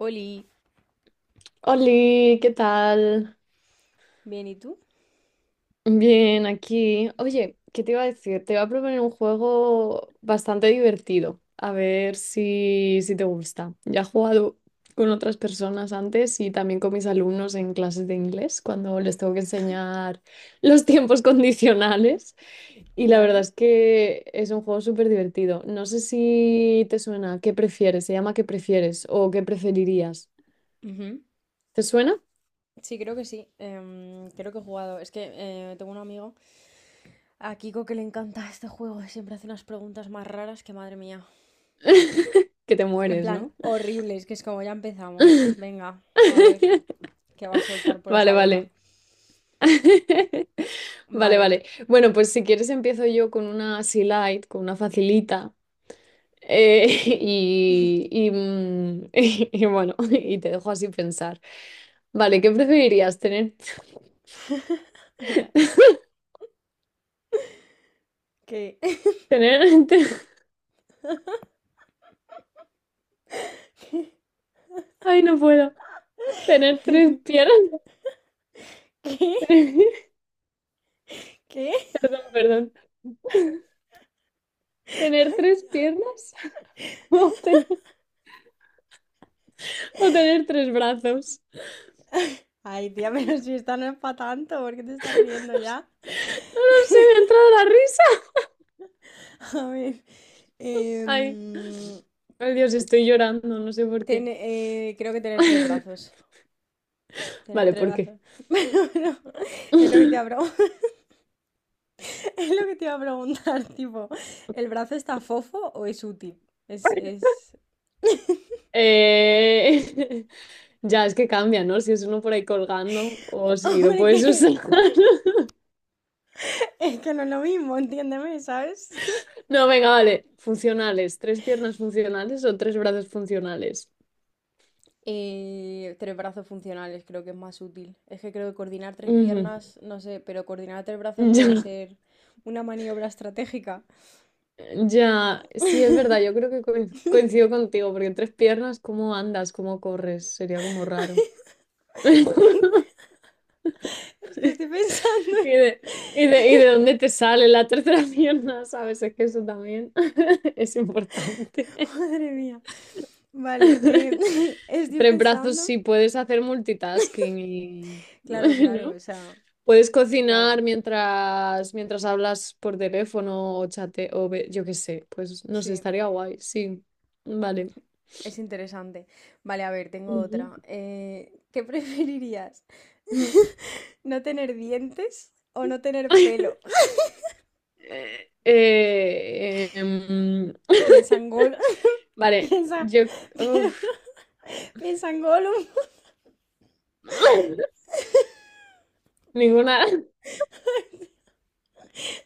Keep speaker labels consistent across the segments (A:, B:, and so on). A: Oli,
B: Oli, ¿qué tal?
A: bien, ¿y tú?
B: Bien, aquí. Oye, ¿qué te iba a decir? Te iba a proponer un juego bastante divertido. A ver si te gusta. Ya he jugado con otras personas antes y también con mis alumnos en clases de inglés cuando les tengo que enseñar los tiempos condicionales. Y la verdad
A: Vale.
B: es que es un juego súper divertido. No sé si te suena. ¿Qué prefieres? Se llama ¿Qué prefieres? O ¿Qué preferirías?
A: Ujú.
B: ¿Te suena?
A: Sí, creo que sí. Creo que he jugado. Es que tengo un amigo, a Kiko, que le encanta este juego. Y siempre hace unas preguntas más raras que madre mía.
B: Que te
A: En
B: mueres,
A: plan,
B: ¿no?
A: horribles, que es como ya empezamos. Venga, a ver qué va a soltar por
B: Vale,
A: esa boca.
B: vale. Vale,
A: Vale.
B: vale. Bueno, pues si quieres empiezo yo con una así light, con una facilita. eh, y bueno, te dejo así pensar. Vale, ¿qué preferirías? ¿Tener,
A: Verás. ¿Qué?
B: tener, te- ay, no puedo. ¿Tener
A: ¿Qué?
B: tres piernas?
A: ¿Qué?
B: Perdón, perdón. ¿Tener tres piernas? ¿O tener tres brazos?
A: Ay, tía, pero si esta no es para tanto, ¿por qué te estás riendo ya?
B: No lo sé, me ha entrado la risa.
A: A ver.
B: Ay,
A: em,
B: ay Dios, estoy llorando, no sé por
A: Ten-
B: qué.
A: eh, creo que tener tres brazos. Tener
B: Vale,
A: tres
B: ¿por qué?
A: brazos. Pero bueno, es lo que te iba a pregun- es lo que te iba a preguntar, tipo, ¿el brazo está fofo o es útil? Es.
B: Eh, Ya, es que cambia, ¿no? Si es uno por ahí colgando o si lo
A: Hombre,
B: puedes usar.
A: que es que no es lo mismo, entiéndeme, ¿sabes?
B: No, venga, vale. Funcionales. ¿Tres piernas funcionales o tres brazos funcionales?
A: Tres brazos funcionales creo que es más útil. Es que creo que coordinar tres
B: Ujú.
A: piernas, no sé, pero coordinar tres brazos puede
B: Ya,
A: ser una maniobra estratégica.
B: ya. Sí, es verdad. Yo creo que coincido contigo porque tres piernas, ¿cómo andas? ¿Cómo corres? Sería como raro.
A: Es que estoy pensando,
B: ¿Y de, y de dónde te sale la tercera pierna? ¿Sabes? Es que eso también es importante.
A: madre mía. Vale, estoy
B: Tres brazos
A: pensando.
B: sí puedes hacer multitasking y,
A: Claro, claro,
B: ¿no?
A: o sea,
B: Puedes
A: claro,
B: cocinar mientras hablas por teléfono o chate yo qué sé. Pues no sé,
A: sí,
B: estaría guay, sí. Vale.
A: es interesante. Vale, a ver, tengo
B: Ujú.
A: otra. ¿Qué preferirías?
B: Mm.
A: ¿No tener dientes o no tener pelo?
B: Eh, eh, em,
A: Piensa en Gol,
B: vale,
A: piensa,
B: uf.
A: piensa en Gollum.
B: Ninguna.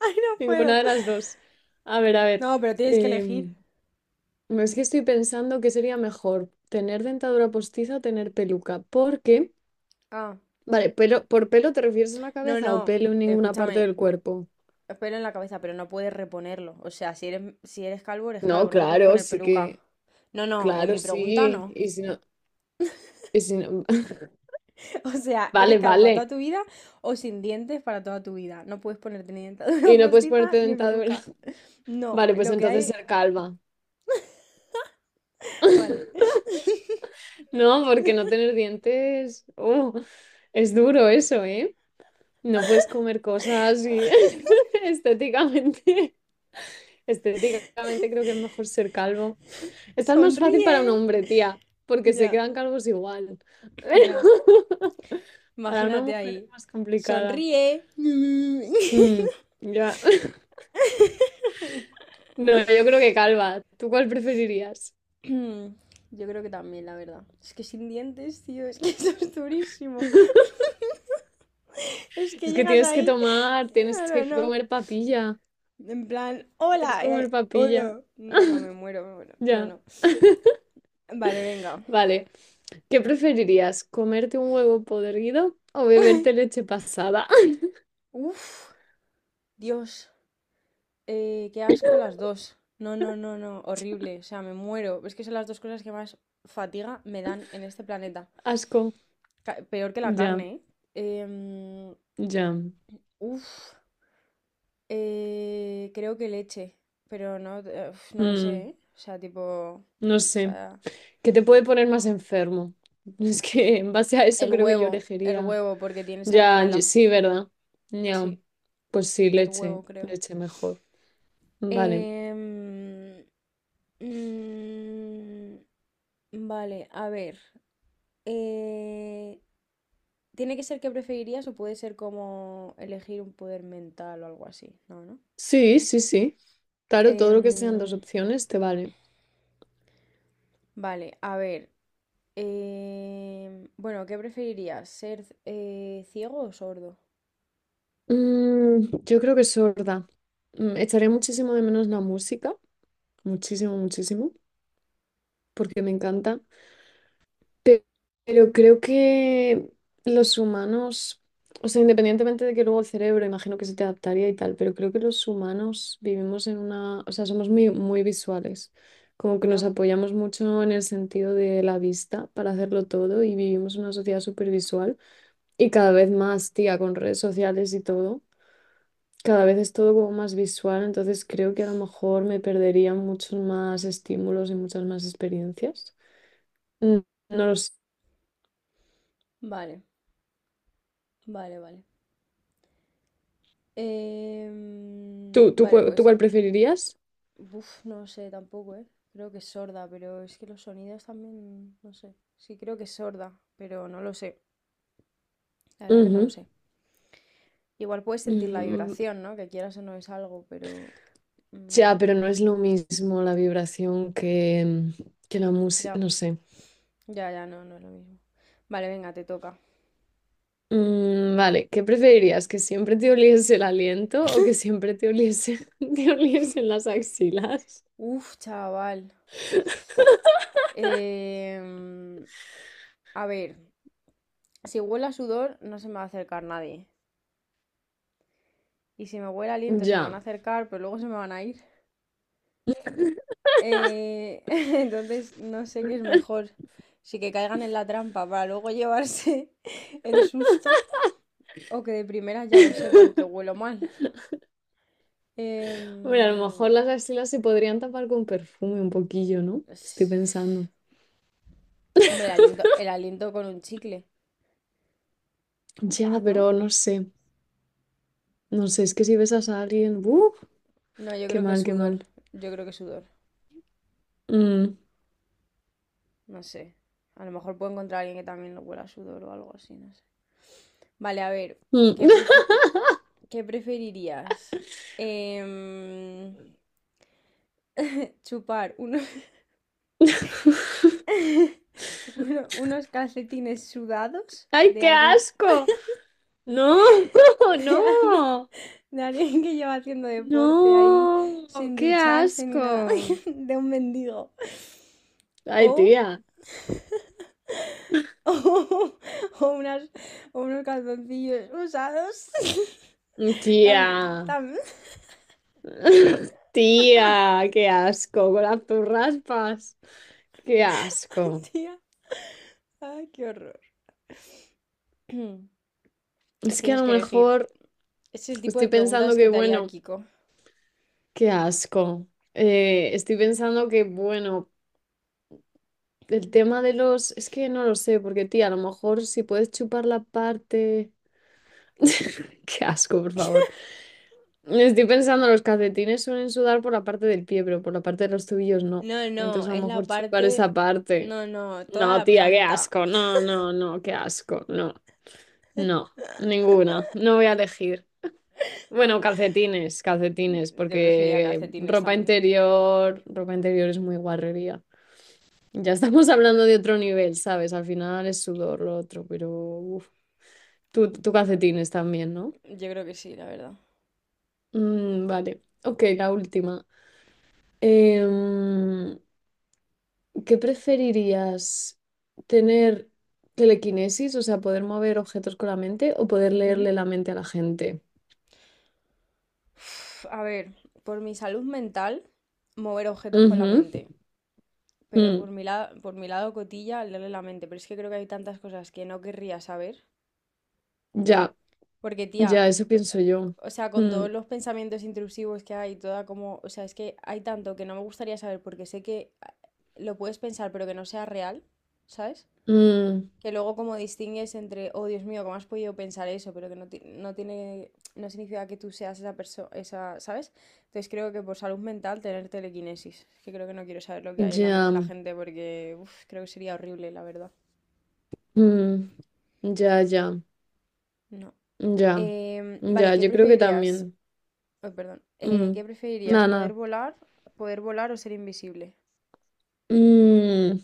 A: Ay, no
B: Ninguna
A: puedo.
B: de las dos. A ver, a ver.
A: No, pero tienes que elegir.
B: em, no es que estoy pensando que sería mejor tener dentadura postiza o tener peluca. Porque,
A: Ah,
B: vale, pelo, ¿por pelo te refieres a la
A: no,
B: cabeza o
A: no,
B: pelo en ninguna parte
A: escúchame,
B: del cuerpo?
A: pelo en la cabeza, pero no puedes reponerlo. O sea, si eres calvo, eres
B: No,
A: calvo, no te puedes
B: claro,
A: poner
B: sí
A: peluca.
B: que,
A: No, no, en
B: claro,
A: mi pregunta
B: sí.
A: no.
B: Y si no,
A: O sea, eres
B: vale,
A: calva para
B: vale.
A: toda tu vida o sin dientes para toda tu vida. No puedes ponerte ni dentadura
B: Y no puedes
A: postiza
B: ponerte
A: ni
B: dentadura.
A: peluca. No,
B: Vale, pues
A: lo que
B: entonces
A: hay.
B: ser calva.
A: Vale.
B: No, porque no tener dientes, oh, es duro eso, ¿eh? No puedes comer cosas y estéticamente, estéticamente creo que es mejor ser calvo. Esta es más fácil para un
A: Sonríe.
B: hombre, tía, porque se
A: Ya,
B: quedan calvos igual.
A: ya.
B: Pero para una
A: Imagínate
B: mujer es
A: ahí.
B: más complicada.
A: Sonríe.
B: Mm, ya. No, yo creo que calva. ¿Tú cuál preferirías?
A: Yo creo que también, la verdad. Es que sin dientes, tío, es que eso es durísimo. Es que
B: Es que
A: llegas
B: tienes que
A: ahí.
B: tomar, tienes
A: No,
B: que
A: no, no.
B: comer papilla.
A: En plan,
B: Tienes
A: hola.
B: que comer papilla.
A: Hola. No, no, me muero, me muero. No,
B: Ya.
A: no. Vale, venga.
B: Vale. ¿Qué preferirías? ¿Comerte un huevo podrido o beberte leche pasada?
A: Uf, Dios, qué asco las dos. No, no, no, no, horrible. O sea, me muero. Es que son las dos cosas que más fatiga me dan en este planeta.
B: Asco.
A: Peor que la
B: Ya,
A: carne, ¿eh? Em,
B: ya.
A: uf, creo que leche. Pero no, uf, no lo sé,
B: Mm,
A: ¿eh? O sea, tipo.
B: no
A: O
B: sé.
A: sea,
B: ¿Qué te puede poner más enfermo? Es que en base a eso creo que yo
A: el
B: elegiría.
A: huevo, porque tiene
B: Ya,
A: salmonela.
B: sí, ¿verdad? Ya.
A: Sí,
B: Pues sí,
A: el
B: leche.
A: huevo, creo.
B: Leche mejor. Vale.
A: Em, mm, vale, a ver. Eh, ¿tiene que ser qué preferirías o puede ser como elegir un poder mental o algo así? No, ¿no?
B: Sí, sí, sí. Claro, todo lo que sean dos
A: Em,
B: opciones te vale.
A: vale, a ver. Bueno, ¿qué preferirías? ¿Ser ciego o sordo?
B: Yo creo que sorda. Echaré muchísimo de menos la música. Muchísimo, muchísimo. Porque me encanta. Pe- Pero creo que los humanos, o sea, independientemente de que luego el cerebro, imagino que se te adaptaría y tal, pero creo que los humanos vivimos en una, o sea, somos muy, muy visuales, como que nos
A: Ya.
B: apoyamos mucho en el sentido de la vista para hacerlo todo y vivimos una sociedad súper visual y cada vez más, tía, con redes sociales y todo, cada vez es todo como más visual, entonces creo que a lo mejor me perdería muchos más estímulos y muchas más experiencias. Mm, No lo sé.
A: Vale, vale, vale. Em,
B: ¿Tú, tú,
A: vale,
B: cuál- tú
A: pues.
B: cuál preferirías?
A: Uf, no sé tampoco, ¿eh? Creo que es sorda, pero es que los sonidos también, no sé. Sí, creo que es sorda, pero no lo sé. La verdad que no lo
B: Ujú.
A: sé. Igual puedes sentir la
B: Mm,
A: vibración, ¿no? Que quieras o no es algo, pero. mm,
B: ya, pero no es lo mismo la vibración que la música,
A: ya,
B: no sé.
A: ya, ya, no, no es lo mismo. Vale, venga, te toca.
B: Vale, ¿qué preferirías? ¿Que siempre te oliese el aliento o que siempre te oliese, te oliesen las axilas?
A: Uf, chaval. Em, a ver, si huele a sudor, no se me va a acercar nadie. Y si me huele a aliento, se me van a
B: Ya.
A: acercar, pero luego se me van a ir. Eh, entonces, no sé qué es mejor. Si que caigan en la trampa para luego llevarse el susto o que de primeras ya lo sepan que huelo mal.
B: Bueno, a lo mejor
A: Em,
B: las axilas se podrían tapar con perfume un poquillo, ¿no? Estoy
A: es-
B: pensando.
A: Hombre, el aliento con un chicle,
B: Ya,
A: ¿no?
B: pero no sé. No sé, es que si besas a alguien, ¡uh!
A: No, yo
B: Qué
A: creo que
B: mal, qué
A: sudor.
B: mal.
A: Yo creo que sudor.
B: Mm.
A: No sé. A lo mejor puedo encontrar a alguien que también lo huela a sudor o algo así, no sé. Vale, a ver, ¿qué
B: Mm.
A: prefe- ¿qué preferirías? Em, chupar unos calcetines sudados
B: ¡Ay,
A: de
B: qué
A: alguien,
B: asco! No,
A: de, al-
B: no,
A: de alguien que lleva haciendo deporte ahí
B: no,
A: sin
B: qué
A: ducharse ni nada,
B: asco.
A: de un mendigo.
B: Ay,
A: O,
B: tía,
A: o, o unas, o unos calzoncillos usados.
B: tía,
A: Tam, tam.
B: tía, qué asco con las raspas. Qué asco.
A: Tía, ay, qué horror.
B: Es que a
A: Tienes
B: lo
A: que elegir.
B: mejor
A: Es el tipo
B: estoy
A: de
B: pensando
A: preguntas que
B: que,
A: te haría
B: bueno,
A: Kiko.
B: qué asco. Estoy pensando que, bueno, el tema de los. Es que no lo sé, porque, tía, a lo mejor si puedes chupar la parte. Qué asco, por favor. Estoy pensando, los calcetines suelen sudar por la parte del pie, pero por la parte de los tobillos no.
A: No, no,
B: Entonces a lo
A: es la
B: mejor chupar
A: parte.
B: esa parte.
A: No, no, toda
B: No,
A: la
B: tía, qué
A: planta.
B: asco. No, no, no, qué asco. No, no, ninguna. No voy a elegir. Bueno, calcetines, calcetines,
A: Yo preferiría
B: porque
A: calcetines también.
B: ropa interior es muy guarrería. Ya estamos hablando de otro nivel, ¿sabes? Al final es sudor lo otro, pero uf. Tú calcetines también, ¿no?
A: Yo creo que sí, la verdad.
B: Mm, vale. Ok, la última. Em, ¿Qué preferirías? ¿Tener telequinesis, o sea, poder mover objetos con la mente o poder
A: Ujú.
B: leerle la mente a la gente?
A: Uf, a ver, por mi salud mental, mover objetos con la
B: Ujú,
A: mente. Pero
B: mm,
A: por mi lado cotilla, leerle la mente. Pero es que creo que hay tantas cosas que no querría saber.
B: ya,
A: Porque, tía,
B: ya, eso pienso yo.
A: o sea, con
B: Mm,
A: todos los pensamientos intrusivos que hay, toda como, o sea, es que hay tanto que no me gustaría saber porque sé que ah, lo puedes pensar, pero que no sea real, ¿sabes?
B: mm,
A: Que luego como distingues entre, oh Dios mío, ¿cómo has podido pensar eso? Pero que no, no tiene, no significa que tú seas esa persona, esa, ¿sabes? Entonces creo que por salud mental tener telequinesis. Es que creo que no quiero saber lo que hay en la mente
B: ya,
A: de la gente porque uf, creo que sería horrible, la verdad.
B: mm, ya, ya,
A: No.
B: ya,
A: Vale,
B: ya,
A: ¿qué
B: yo creo que
A: preferirías?
B: también.
A: Ay, perdón.
B: Mm,
A: ¿Qué preferirías?
B: Nada,
A: ¿Poder
B: nada.
A: volar, poder volar o ser invisible?
B: Mm,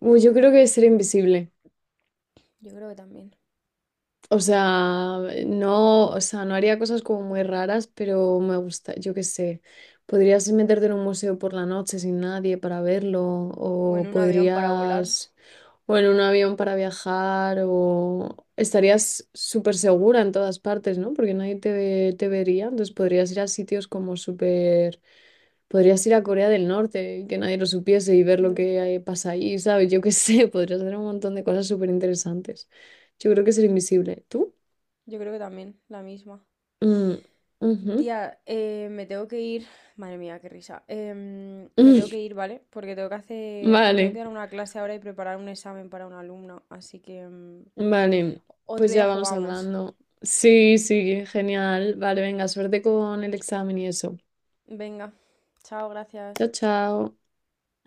B: uy, yo creo que ser invisible.
A: Yo creo que también.
B: O sea, no, o sea, no haría cosas como muy raras, pero me gusta, yo qué sé. Podrías meterte en un museo por la noche sin nadie para verlo, o
A: Bueno, un avión para volar.
B: podrías, o en un avión para viajar, o estarías súper segura en todas partes, ¿no? Porque nadie te vería, entonces podrías ir a sitios podrías ir a Corea del Norte, y que nadie lo supiese y ver lo
A: No.
B: que pasa ahí, ¿sabes? Yo qué sé, podrías hacer un montón de cosas súper interesantes. Yo creo que ser invisible. ¿Tú?
A: Yo creo que también, la misma.
B: Mm, ujú.
A: Tía, me tengo que ir. Madre mía, qué risa. Em, me tengo que
B: Mm,
A: ir, ¿vale? Porque tengo que hacer. Tengo que
B: Vale,
A: dar una clase ahora y preparar un examen para una alumna. Así que
B: vale.
A: otro
B: Pues ya
A: día
B: vamos
A: jugamos.
B: hablando. Sí, sí, genial. Vale, venga, suerte con el examen y eso.
A: Venga. Chao, gracias.
B: Chao, chao.